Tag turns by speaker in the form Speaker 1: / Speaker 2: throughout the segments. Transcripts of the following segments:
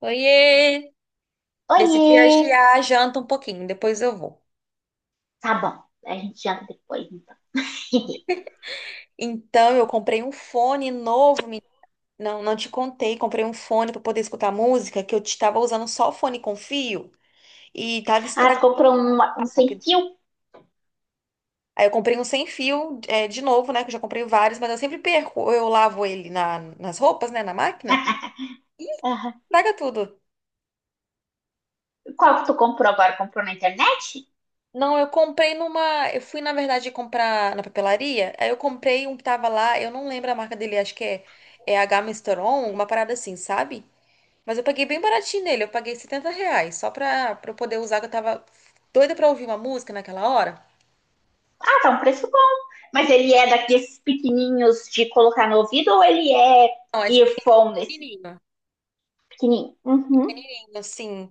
Speaker 1: Oiê! Decidi
Speaker 2: Oiê!
Speaker 1: adiar a janta um pouquinho, depois eu vou.
Speaker 2: Tá bom, a gente janta depois, então.
Speaker 1: Então, eu comprei um fone novo, não, não te contei, comprei um fone para poder escutar música, que eu estava usando só o fone com fio e tava
Speaker 2: Ah, tu
Speaker 1: estragado.
Speaker 2: comprou um sem fio?
Speaker 1: Aí eu comprei um sem fio, é, de novo, né, que eu já comprei vários, mas eu sempre perco, eu lavo ele nas roupas, né, na máquina,
Speaker 2: Aham.
Speaker 1: estraga tudo.
Speaker 2: Qual que tu comprou agora? Comprou na internet?
Speaker 1: Não, eu comprei numa. Eu fui, na verdade, comprar na papelaria. Aí eu comprei um que tava lá, eu não lembro a marca dele, acho que é H Misteron, alguma parada assim, sabe? Mas eu paguei bem baratinho nele, eu paguei 70 reais, só pra eu poder usar, que eu tava doida pra ouvir uma música naquela hora.
Speaker 2: Ah, tá um preço bom. Mas ele é daqueles pequenininhos de colocar no ouvido ou ele é
Speaker 1: Não, é de
Speaker 2: earphone, esse
Speaker 1: pequenininho,
Speaker 2: pequenininho? Uhum.
Speaker 1: assim,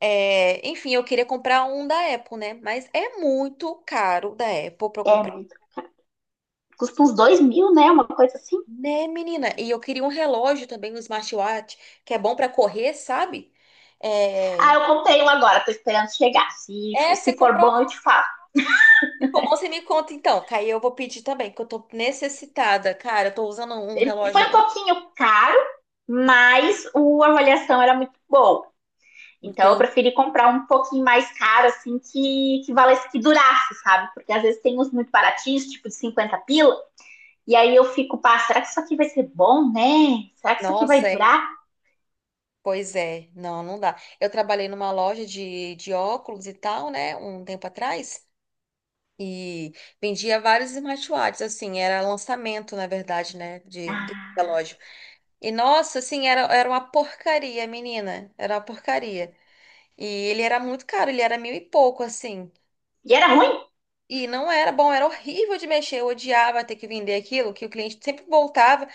Speaker 1: enfim, eu queria comprar um da Apple, né? Mas é muito caro da Apple pra eu
Speaker 2: É
Speaker 1: comprar.
Speaker 2: muito. Custa uns 2 mil, né? Uma coisa assim.
Speaker 1: Né, menina? E eu queria um relógio também, um smartwatch, que é bom pra correr, sabe?
Speaker 2: Ah,
Speaker 1: É,
Speaker 2: eu comprei um agora, tô esperando chegar. Se,
Speaker 1: é, você
Speaker 2: se for
Speaker 1: comprou.
Speaker 2: bom, eu te falo.
Speaker 1: Se bom, você me conta então, que aí eu vou pedir também, que eu tô necessitada. Cara, eu tô usando um
Speaker 2: Foi
Speaker 1: relógio.
Speaker 2: um pouquinho caro, mas a avaliação era muito boa.
Speaker 1: Não
Speaker 2: Então eu
Speaker 1: tem.
Speaker 2: preferi comprar um pouquinho mais caro, assim, que valesse que durasse, sabe? Porque às vezes tem uns muito baratinhos, tipo de 50 pila, e aí eu fico, pá, será que isso aqui vai ser bom, né? Será que isso aqui
Speaker 1: Nossa,
Speaker 2: vai durar?
Speaker 1: pois é. Não, não dá. Eu trabalhei numa loja de óculos e tal, né, um tempo atrás. E vendia vários smartwatches, assim, era lançamento, na verdade, né,
Speaker 2: Ah,
Speaker 1: da loja. E nossa, assim, era uma porcaria, menina. Era uma porcaria. E ele era muito caro, ele era mil e pouco, assim.
Speaker 2: e era ruim?
Speaker 1: E não era bom, era horrível de mexer. Eu odiava ter que vender aquilo, que o cliente sempre voltava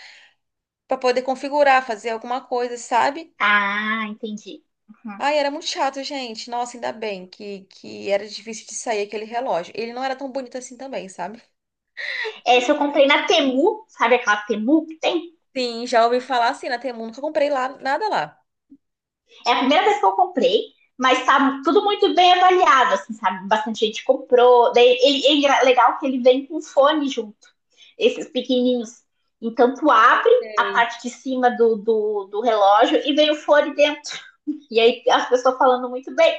Speaker 1: para poder configurar, fazer alguma coisa, sabe?
Speaker 2: Ah, entendi. Uhum.
Speaker 1: Ai, era muito chato, gente. Nossa, ainda bem que era difícil de sair aquele relógio. Ele não era tão bonito assim também, sabe?
Speaker 2: Essa eu comprei na Temu, sabe aquela Temu que tem?
Speaker 1: Sim, já ouvi falar assim na Temu, nunca comprei lá, nada lá.
Speaker 2: É a primeira vez que eu comprei, mas tá tudo muito bem avaliado, assim, sabe? Bastante gente comprou. Daí ele, é legal que ele vem com fone junto, esses pequenininhos. Então tu abre a parte de cima do relógio e vem o fone dentro. E aí as pessoas falando muito bem.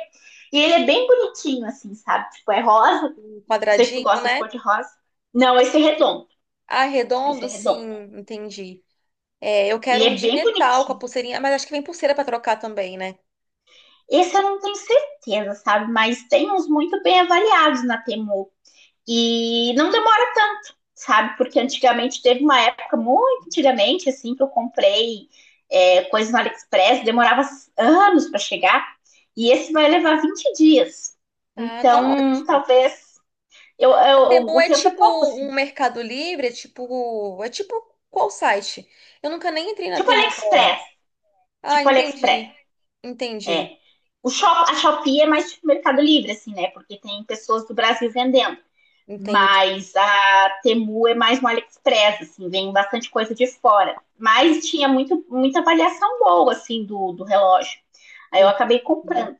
Speaker 2: E ele é bem bonitinho, assim, sabe? Tipo, é rosa. Não
Speaker 1: Um
Speaker 2: sei se tu
Speaker 1: quadradinho,
Speaker 2: gosta de
Speaker 1: né?
Speaker 2: cor de rosa. Não, esse é redondo.
Speaker 1: Ah,
Speaker 2: Esse
Speaker 1: redondo,
Speaker 2: é
Speaker 1: sim,
Speaker 2: redondo.
Speaker 1: entendi. É, eu
Speaker 2: Ele
Speaker 1: quero um
Speaker 2: é
Speaker 1: de
Speaker 2: bem
Speaker 1: metal com a
Speaker 2: bonitinho.
Speaker 1: pulseirinha, mas acho que vem pulseira para trocar também, né?
Speaker 2: Esse eu não tenho certeza, sabe? Mas tem uns muito bem avaliados na Temu. E não demora tanto, sabe? Porque antigamente teve uma época, muito antigamente, assim, que eu comprei coisas no AliExpress, demorava anos para chegar, e esse vai levar 20 dias.
Speaker 1: Ah, tá ótimo.
Speaker 2: Então, talvez
Speaker 1: A Temu
Speaker 2: o
Speaker 1: é
Speaker 2: tempo é
Speaker 1: tipo
Speaker 2: pouco, assim.
Speaker 1: um Mercado Livre, é tipo qual site? Eu nunca nem entrei na
Speaker 2: Tipo
Speaker 1: Temu pra...
Speaker 2: AliExpress,
Speaker 1: Ah,
Speaker 2: tipo AliExpress,
Speaker 1: entendi.
Speaker 2: é.
Speaker 1: Entendi.
Speaker 2: A Shopee é mais tipo Mercado Livre, assim, né? Porque tem pessoas do Brasil vendendo.
Speaker 1: Entendi.
Speaker 2: Mas a Temu é mais no AliExpress, assim, vem bastante coisa de fora. Mas tinha muita avaliação boa, assim, do relógio. Aí eu
Speaker 1: Entendi.
Speaker 2: acabei comprando.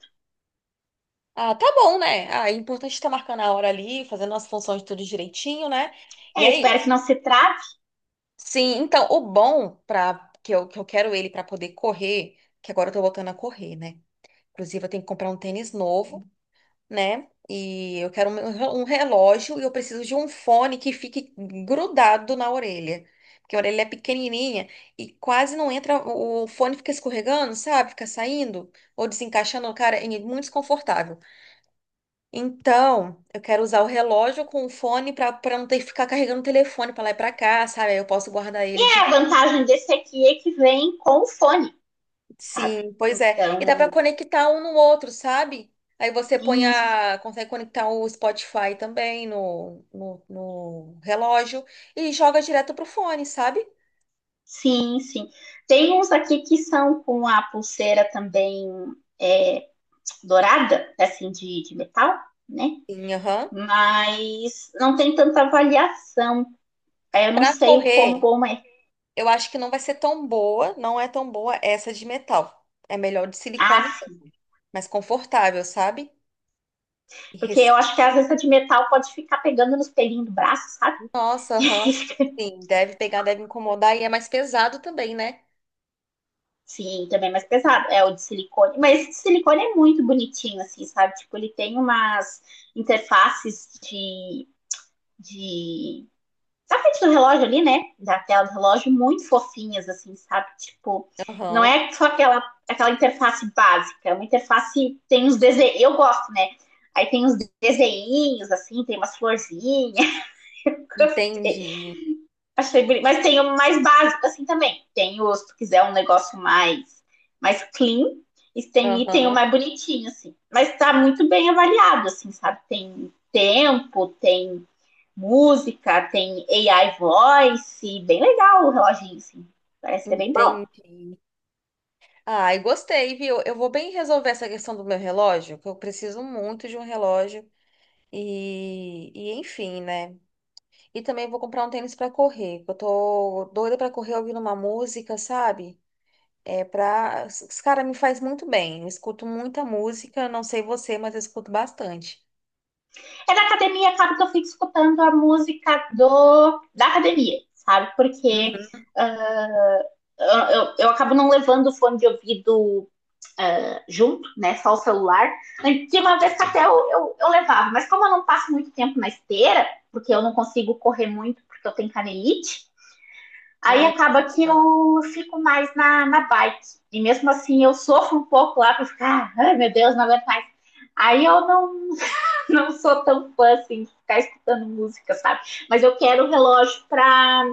Speaker 1: Ah, tá bom, né? Ah, é importante estar marcando a hora ali, fazendo as funções tudo direitinho, né? E
Speaker 2: É,
Speaker 1: é
Speaker 2: espero que
Speaker 1: isso.
Speaker 2: não se trate.
Speaker 1: Sim, então o bom que eu quero ele para poder correr, que agora eu tô voltando a correr, né? Inclusive eu tenho que comprar um tênis novo, né? E eu quero um relógio e eu preciso de um fone que fique grudado na orelha. Porque a orelha é pequenininha e quase não entra, o fone fica escorregando, sabe? Fica saindo ou desencaixando, cara, é muito desconfortável. Então, eu quero usar o relógio com o fone para não ter que ficar carregando o telefone para lá e para cá, sabe? Aí eu posso guardar ele.
Speaker 2: É, a vantagem desse aqui é que vem com o fone, sabe?
Speaker 1: Sim, pois é. E dá pra
Speaker 2: Então,
Speaker 1: conectar um no outro, sabe? Aí você põe
Speaker 2: isso.
Speaker 1: a, consegue conectar o Spotify também no relógio e joga direto pro fone, sabe?
Speaker 2: Sim, sim. Tem uns aqui que são com a pulseira também é, dourada, assim, de metal, né?
Speaker 1: Sim, aham.
Speaker 2: Mas não tem tanta avaliação. Aí eu não
Speaker 1: Pra
Speaker 2: sei o quão
Speaker 1: correr,
Speaker 2: bom é.
Speaker 1: eu acho que não vai ser tão boa, não é tão boa essa de metal. É melhor de silicone,
Speaker 2: Ah, sim.
Speaker 1: mais confortável, sabe? E
Speaker 2: Porque
Speaker 1: res-
Speaker 2: eu acho que às vezes a de metal pode ficar pegando nos pelinhos do braço, sabe?
Speaker 1: Nossa, aham. Sim, deve pegar, deve incomodar e é mais pesado também, né?
Speaker 2: Sim, também é mais pesado. É o de silicone. Mas esse de silicone é muito bonitinho, assim, sabe? Tipo, ele tem umas interfaces de... Da frente do relógio ali, né? Da tela do relógio, muito fofinhas, assim, sabe? Tipo, não
Speaker 1: Aham.
Speaker 2: é só aquela interface básica, é uma interface tem uns desenhos. Eu gosto, né? Aí tem uns desenhinhos, assim, tem umas florzinhas. Gostei.
Speaker 1: Entendi.
Speaker 2: Achei bonito. Mas tem o mais básico, assim, também. Se tu quiser um negócio mais clean, e tem o
Speaker 1: Aham.
Speaker 2: mais bonitinho, assim. Mas tá muito bem avaliado, assim, sabe? Tem tempo, tem música, tem AI voice, bem legal o reloginho, assim. Parece ser bem bom.
Speaker 1: Entendi. Ai, gostei, viu? Eu vou bem resolver essa questão do meu relógio, que eu preciso muito de um relógio. E enfim, né? E também vou comprar um tênis pra correr, que eu tô doida pra correr ouvindo uma música, sabe? É pra. Os cara me faz muito bem. Eu escuto muita música, não sei você, mas eu escuto bastante.
Speaker 2: É da academia, acaba que eu fico escutando a música da academia, sabe? Porque
Speaker 1: Uhum.
Speaker 2: uh, eu acabo não levando o fone de ouvido junto, né? Só o celular. Tinha uma vez que até eu, levava, mas como eu não passo muito tempo na esteira, porque eu não consigo correr muito porque eu tenho canelite, aí
Speaker 1: Ah,
Speaker 2: acaba que
Speaker 1: entendi.
Speaker 2: eu fico mais na bike. E mesmo assim eu sofro um pouco lá pra ficar, ai meu Deus, não aguento mais. Aí eu não, não sou tão fã assim de ficar escutando música, sabe? Mas eu quero o relógio pra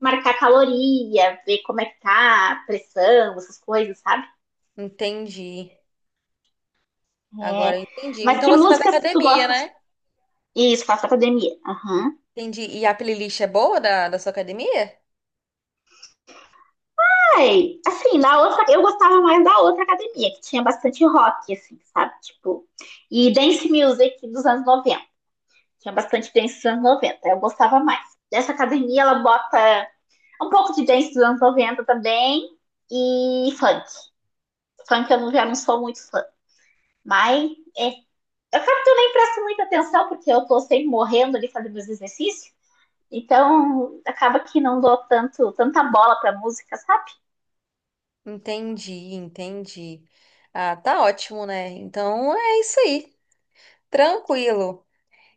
Speaker 2: marcar caloria, ver como é que tá, a pressão, essas coisas, sabe?
Speaker 1: Entendi.
Speaker 2: É.
Speaker 1: Agora eu entendi.
Speaker 2: Mas
Speaker 1: Então
Speaker 2: que
Speaker 1: você faz
Speaker 2: músicas que tu
Speaker 1: academia,
Speaker 2: gosta?
Speaker 1: né?
Speaker 2: Isso, faço academia. Aham.
Speaker 1: Entendi. E a playlist é boa da sua academia?
Speaker 2: Ai, assim, na outra, eu gostava mais da outra academia, que tinha bastante rock, assim, sabe? Tipo, e dance music dos anos 90. Tinha bastante dance dos anos 90. Eu gostava mais. Dessa academia, ela bota um pouco de dance dos anos 90 também e funk. Funk eu não- Já não sou muito fã, mas eu acabo que eu nem presto muita atenção, porque eu tô sempre morrendo ali fazendo meus exercícios. Então, acaba que não dou tanta bola pra música, sabe?
Speaker 1: Entendi, entendi. Ah, tá ótimo, né? Então é isso aí, tranquilo.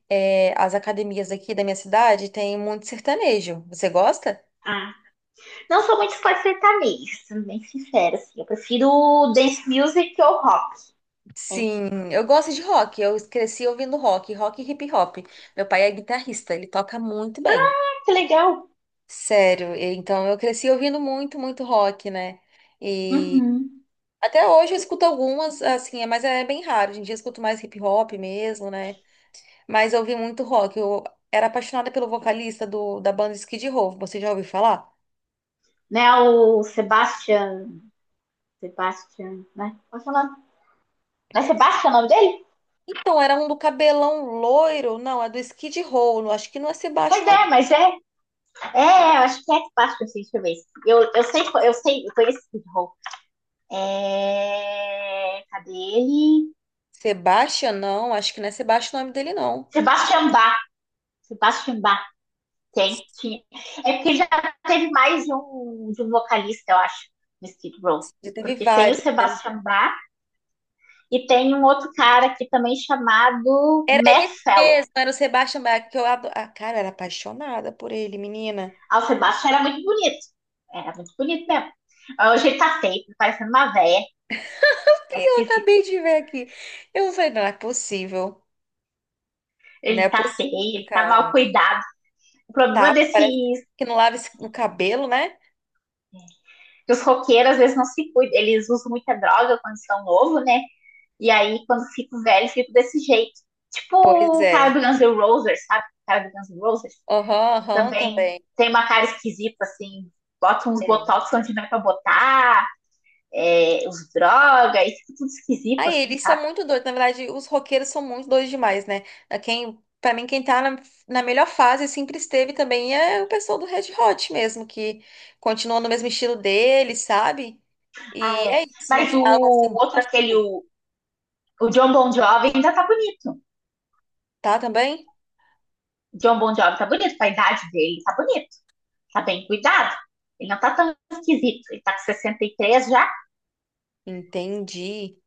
Speaker 1: É, as academias aqui da minha cidade têm muito sertanejo. Você gosta?
Speaker 2: Não sou muito fã de sertanejo, sendo bem sincera, assim. Eu prefiro dance music ou rock. É.
Speaker 1: Sim, eu gosto de rock. Eu cresci ouvindo rock, rock e hip hop. Meu pai é guitarrista, ele toca muito bem.
Speaker 2: Ah, que legal.
Speaker 1: Sério, então eu cresci ouvindo muito, muito rock, né? E
Speaker 2: Uhum.
Speaker 1: até hoje eu escuto algumas, assim, mas é bem raro. Hoje em dia eu escuto mais hip hop mesmo, né? Mas eu ouvi muito rock. Eu era apaixonada pelo vocalista da banda Skid Row. Você já ouviu falar?
Speaker 2: Né, o Sebastian... Sebastian, né? Qual é o Não é Sebastian o nome dele?
Speaker 1: Então, era um do cabelão loiro. Não, é do Skid Row. Não, acho que não é
Speaker 2: Pois
Speaker 1: Sebastião o nome.
Speaker 2: é, mas é. Eu acho que é Sebastian, assim, deixa eu ver. Eu sei, eu conheço esse rock. É... Cadê ele?
Speaker 1: Sebastian, não. Acho que não é Sebastião o nome dele, não.
Speaker 2: Sebastian Bach. Sebastian Bach. Tem, tinha. É porque já teve mais de um vocalista, eu acho, no Skid Row.
Speaker 1: Já teve
Speaker 2: Porque tem o
Speaker 1: vários, né?
Speaker 2: Sebastian Bach e tem um outro cara aqui também chamado
Speaker 1: Era
Speaker 2: Matt
Speaker 1: esse
Speaker 2: Fellow.
Speaker 1: mesmo. Era o Sebastian Bach, que eu adoro. Ah, cara, eu era apaixonada por ele, menina.
Speaker 2: Ah, o Sebastian era muito bonito. Era muito bonito mesmo. Ah, hoje ele tá feio, tá parecendo uma véia. É
Speaker 1: E eu
Speaker 2: esquisito.
Speaker 1: acabei de ver aqui. Eu falei, não é possível. Não é
Speaker 2: Ele tá
Speaker 1: possível,
Speaker 2: feio, ele tá mal
Speaker 1: cara.
Speaker 2: cuidado. O problema
Speaker 1: Tá, parece
Speaker 2: desses
Speaker 1: que não lava o cabelo, né?
Speaker 2: que os roqueiros às vezes não se cuidam. Eles usam muita droga quando são novos, né? E aí, quando fico velho, fico desse jeito. Tipo
Speaker 1: Pois
Speaker 2: o cara
Speaker 1: é.
Speaker 2: do Guns N' Roses, sabe? O cara do Guns N' Roses
Speaker 1: Aham, aham,
Speaker 2: também
Speaker 1: também.
Speaker 2: tem uma cara esquisita, assim. Bota uns
Speaker 1: É.
Speaker 2: botox onde não é pra botar, os drogas, e fica tudo esquisito,
Speaker 1: Aí,
Speaker 2: assim,
Speaker 1: eles são
Speaker 2: sabe?
Speaker 1: muito doidos. Na verdade, os roqueiros são muito doidos demais, né? Quem, pra mim, quem tá na melhor fase sempre esteve também é o pessoal do Red Hot mesmo, que continua no mesmo estilo deles, sabe?
Speaker 2: Ah,
Speaker 1: E
Speaker 2: é.
Speaker 1: é isso, não
Speaker 2: Mas
Speaker 1: foi
Speaker 2: o
Speaker 1: algo assim
Speaker 2: outro,
Speaker 1: brusco,
Speaker 2: aquele, o John Bon Jovi, ainda tá bonito.
Speaker 1: tá? Também?
Speaker 2: O John Bon Jovi tá bonito, com a idade dele, tá bonito. Tá bem cuidado. Ele não tá tão esquisito. Ele tá com 63 já,
Speaker 1: Entendi.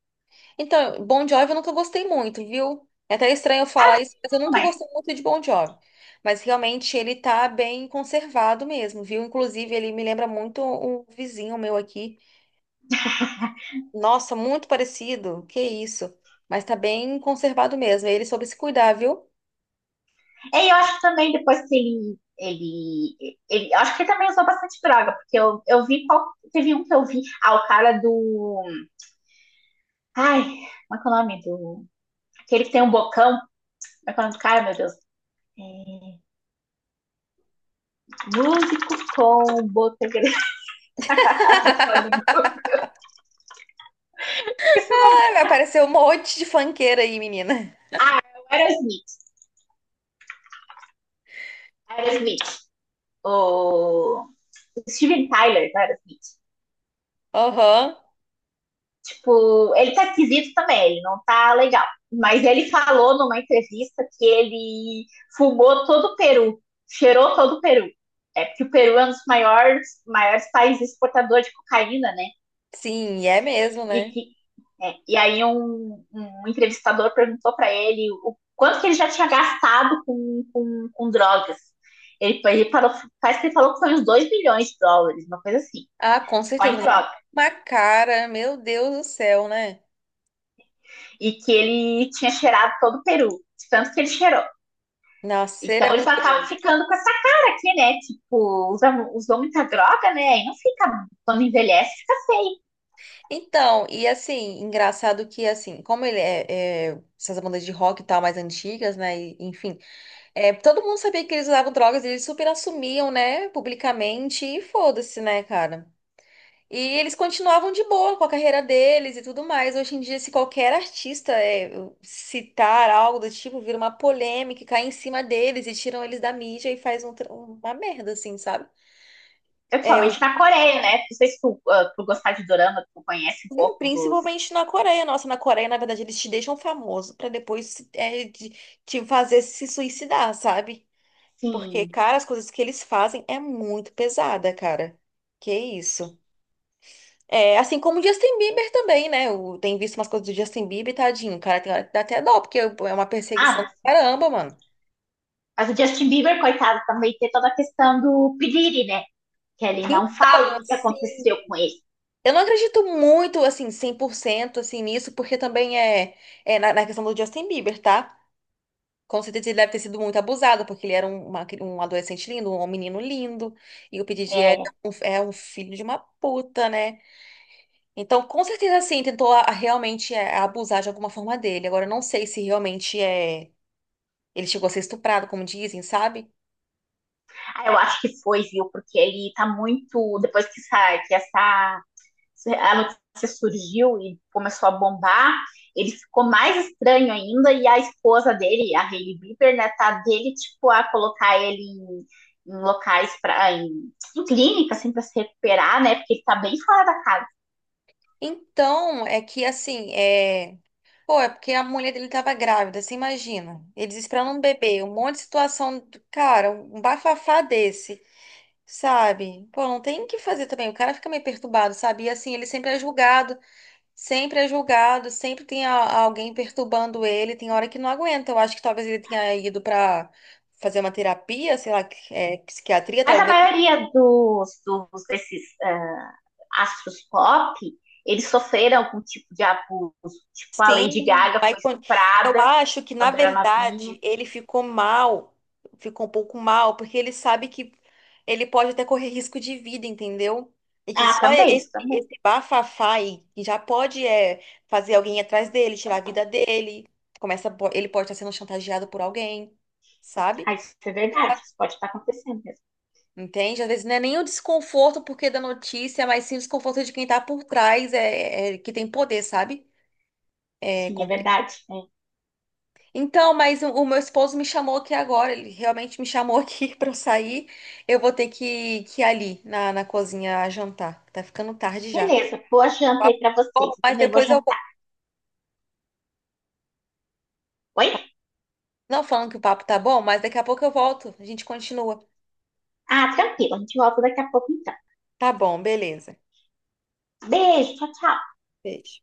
Speaker 1: Então, Bon Jovi eu nunca gostei muito, viu? É até estranho eu falar isso, mas eu nunca
Speaker 2: mas
Speaker 1: gostei muito de Bon Jovi. Mas realmente ele tá bem conservado mesmo, viu? Inclusive, ele me lembra muito um vizinho meu aqui. Nossa, muito parecido. Que isso? Mas tá bem conservado mesmo. Ele soube se cuidar, viu?
Speaker 2: e eu acho que também depois que ele. Eu acho que ele também usou bastante droga, porque eu vi qual. Teve um que eu vi. Ah, o cara do. Ai, como é que é o nome? Do. Aquele que tem um bocão. Como é que é o nome do cara, meu Deus? É, músico com botografado. Esse é o nome do
Speaker 1: Ai, vai
Speaker 2: cara.
Speaker 1: aparecer um monte de funkeira aí, menina.
Speaker 2: Ah, é o Aerosmith. Aerosmith. O. Steven Tyler, não era Smith.
Speaker 1: Aham.
Speaker 2: Tipo, ele tá esquisito também, ele não tá legal. Mas ele falou numa entrevista que ele fumou todo o Peru, cheirou todo o Peru. É porque o Peru é um dos maiores, maiores países exportadores de cocaína, né?
Speaker 1: Sim, é mesmo,
Speaker 2: E
Speaker 1: né?
Speaker 2: que e aí um entrevistador perguntou para ele o quanto que ele já tinha gastado com drogas. Ele falou, parece que ele falou que foi uns 2 milhões de dólares, uma coisa assim,
Speaker 1: Ah, com
Speaker 2: só em
Speaker 1: certeza. Mas é
Speaker 2: drogas.
Speaker 1: uma cara, meu Deus do céu, né?
Speaker 2: E que ele tinha cheirado todo o Peru, de tanto que ele cheirou.
Speaker 1: Nossa, ele
Speaker 2: Então
Speaker 1: é
Speaker 2: eles
Speaker 1: muito.
Speaker 2: acabam ficando com essa cara aqui, né? Tipo, usou muita droga, né? E não fica, quando envelhece, fica feio.
Speaker 1: Então, e assim, engraçado que assim, como ele é, essas bandas de rock e tal mais antigas, né? E, enfim, todo mundo sabia que eles usavam drogas, e eles super assumiam, né, publicamente, e foda-se, né, cara? E eles continuavam de boa com a carreira deles e tudo mais. Hoje em dia, se qualquer artista citar algo do tipo, vira uma polêmica, e cai em cima deles e tiram eles da mídia e faz um uma merda, assim, sabe? É,
Speaker 2: Principalmente na Coreia, né? Não sei se tu gostar de dorama, tu conhece um
Speaker 1: sim,
Speaker 2: pouco dos.
Speaker 1: principalmente na Coreia. Nossa, na Coreia, na verdade, eles te deixam famoso pra depois te fazer se suicidar, sabe? Porque,
Speaker 2: Sim.
Speaker 1: cara, as coisas que eles fazem é muito pesada, cara. Que isso. É, assim como o Justin Bieber também, né? Eu tenho visto umas coisas do Justin Bieber, tadinho, cara, tem hora que dá até dó, porque é uma perseguição do
Speaker 2: Ah,
Speaker 1: caramba, mano.
Speaker 2: mas o Justin Bieber, coitado, também tem toda a questão do piriri, né? Que ele não fala
Speaker 1: Então,
Speaker 2: o que
Speaker 1: assim,
Speaker 2: aconteceu com ele.
Speaker 1: eu não acredito muito, assim, 100% assim, nisso, porque também na questão do Justin Bieber, tá? Com certeza ele deve ter sido muito abusado, porque ele era um adolescente lindo, um menino lindo, e o Pedidi é
Speaker 2: É,
Speaker 1: um filho de uma puta, né? Então, com certeza, sim, tentou a realmente abusar de alguma forma dele. Agora, eu não sei se realmente ele chegou a ser estuprado, como dizem, sabe?
Speaker 2: eu acho que foi, viu? Porque ele tá muito. Depois que essa a notícia surgiu e começou a bombar, ele ficou mais estranho ainda, e a esposa dele, a Hailey Bieber, né, tá dele, tipo, a colocar ele em, em, locais, pra, em clínica, assim, pra se recuperar, né, porque ele tá bem fora da casa.
Speaker 1: Então, é que assim, é. Pô, é porque a mulher dele tava grávida, você imagina. Ele esperando um bebê, um monte de situação, cara, um bafafá desse. Sabe? Pô, não tem o que fazer também. O cara fica meio perturbado, sabe? E assim, ele sempre é julgado, sempre é julgado, sempre tem alguém perturbando ele. Tem hora que não aguenta. Eu acho que talvez ele tenha ido pra fazer uma terapia, sei lá, psiquiatria,
Speaker 2: Mas a
Speaker 1: talvez.
Speaker 2: maioria dos, dos desses astros pop, eles sofreram algum tipo de abuso, tipo, a Lady
Speaker 1: Sim,
Speaker 2: Gaga foi
Speaker 1: eu
Speaker 2: estuprada
Speaker 1: acho que, na
Speaker 2: quando era novinha.
Speaker 1: verdade, ele ficou mal, ficou um pouco mal, porque ele sabe que ele pode até correr risco de vida, entendeu? E que
Speaker 2: Ah,
Speaker 1: só
Speaker 2: também, isso
Speaker 1: esse,
Speaker 2: também.
Speaker 1: esse bafafá aí que já pode fazer alguém ir atrás dele, tirar a vida dele, começa, ele pode estar sendo chantageado por alguém, sabe?
Speaker 2: Ah, isso é verdade, isso pode estar acontecendo mesmo.
Speaker 1: Entende? Às vezes não é nem o desconforto porque da notícia, mas sim o desconforto de quem tá por trás, que tem poder, sabe? É
Speaker 2: Sim, é verdade, né?
Speaker 1: Então, mas o meu esposo me chamou aqui agora, ele realmente me chamou aqui pra eu sair. Eu vou ter que ir ali na cozinha jantar. Tá ficando tarde já. O
Speaker 2: Beleza, boa janta aí
Speaker 1: papo tá
Speaker 2: pra
Speaker 1: bom,
Speaker 2: vocês. Eu
Speaker 1: mas
Speaker 2: também vou
Speaker 1: depois eu volto.
Speaker 2: jantar. Oi?
Speaker 1: Não falando que o papo tá bom, mas daqui a pouco eu volto. A gente continua.
Speaker 2: Ah, tranquilo. A gente volta daqui a pouco então.
Speaker 1: Tá bom, beleza.
Speaker 2: Beijo, tchau, tchau.
Speaker 1: Beijo.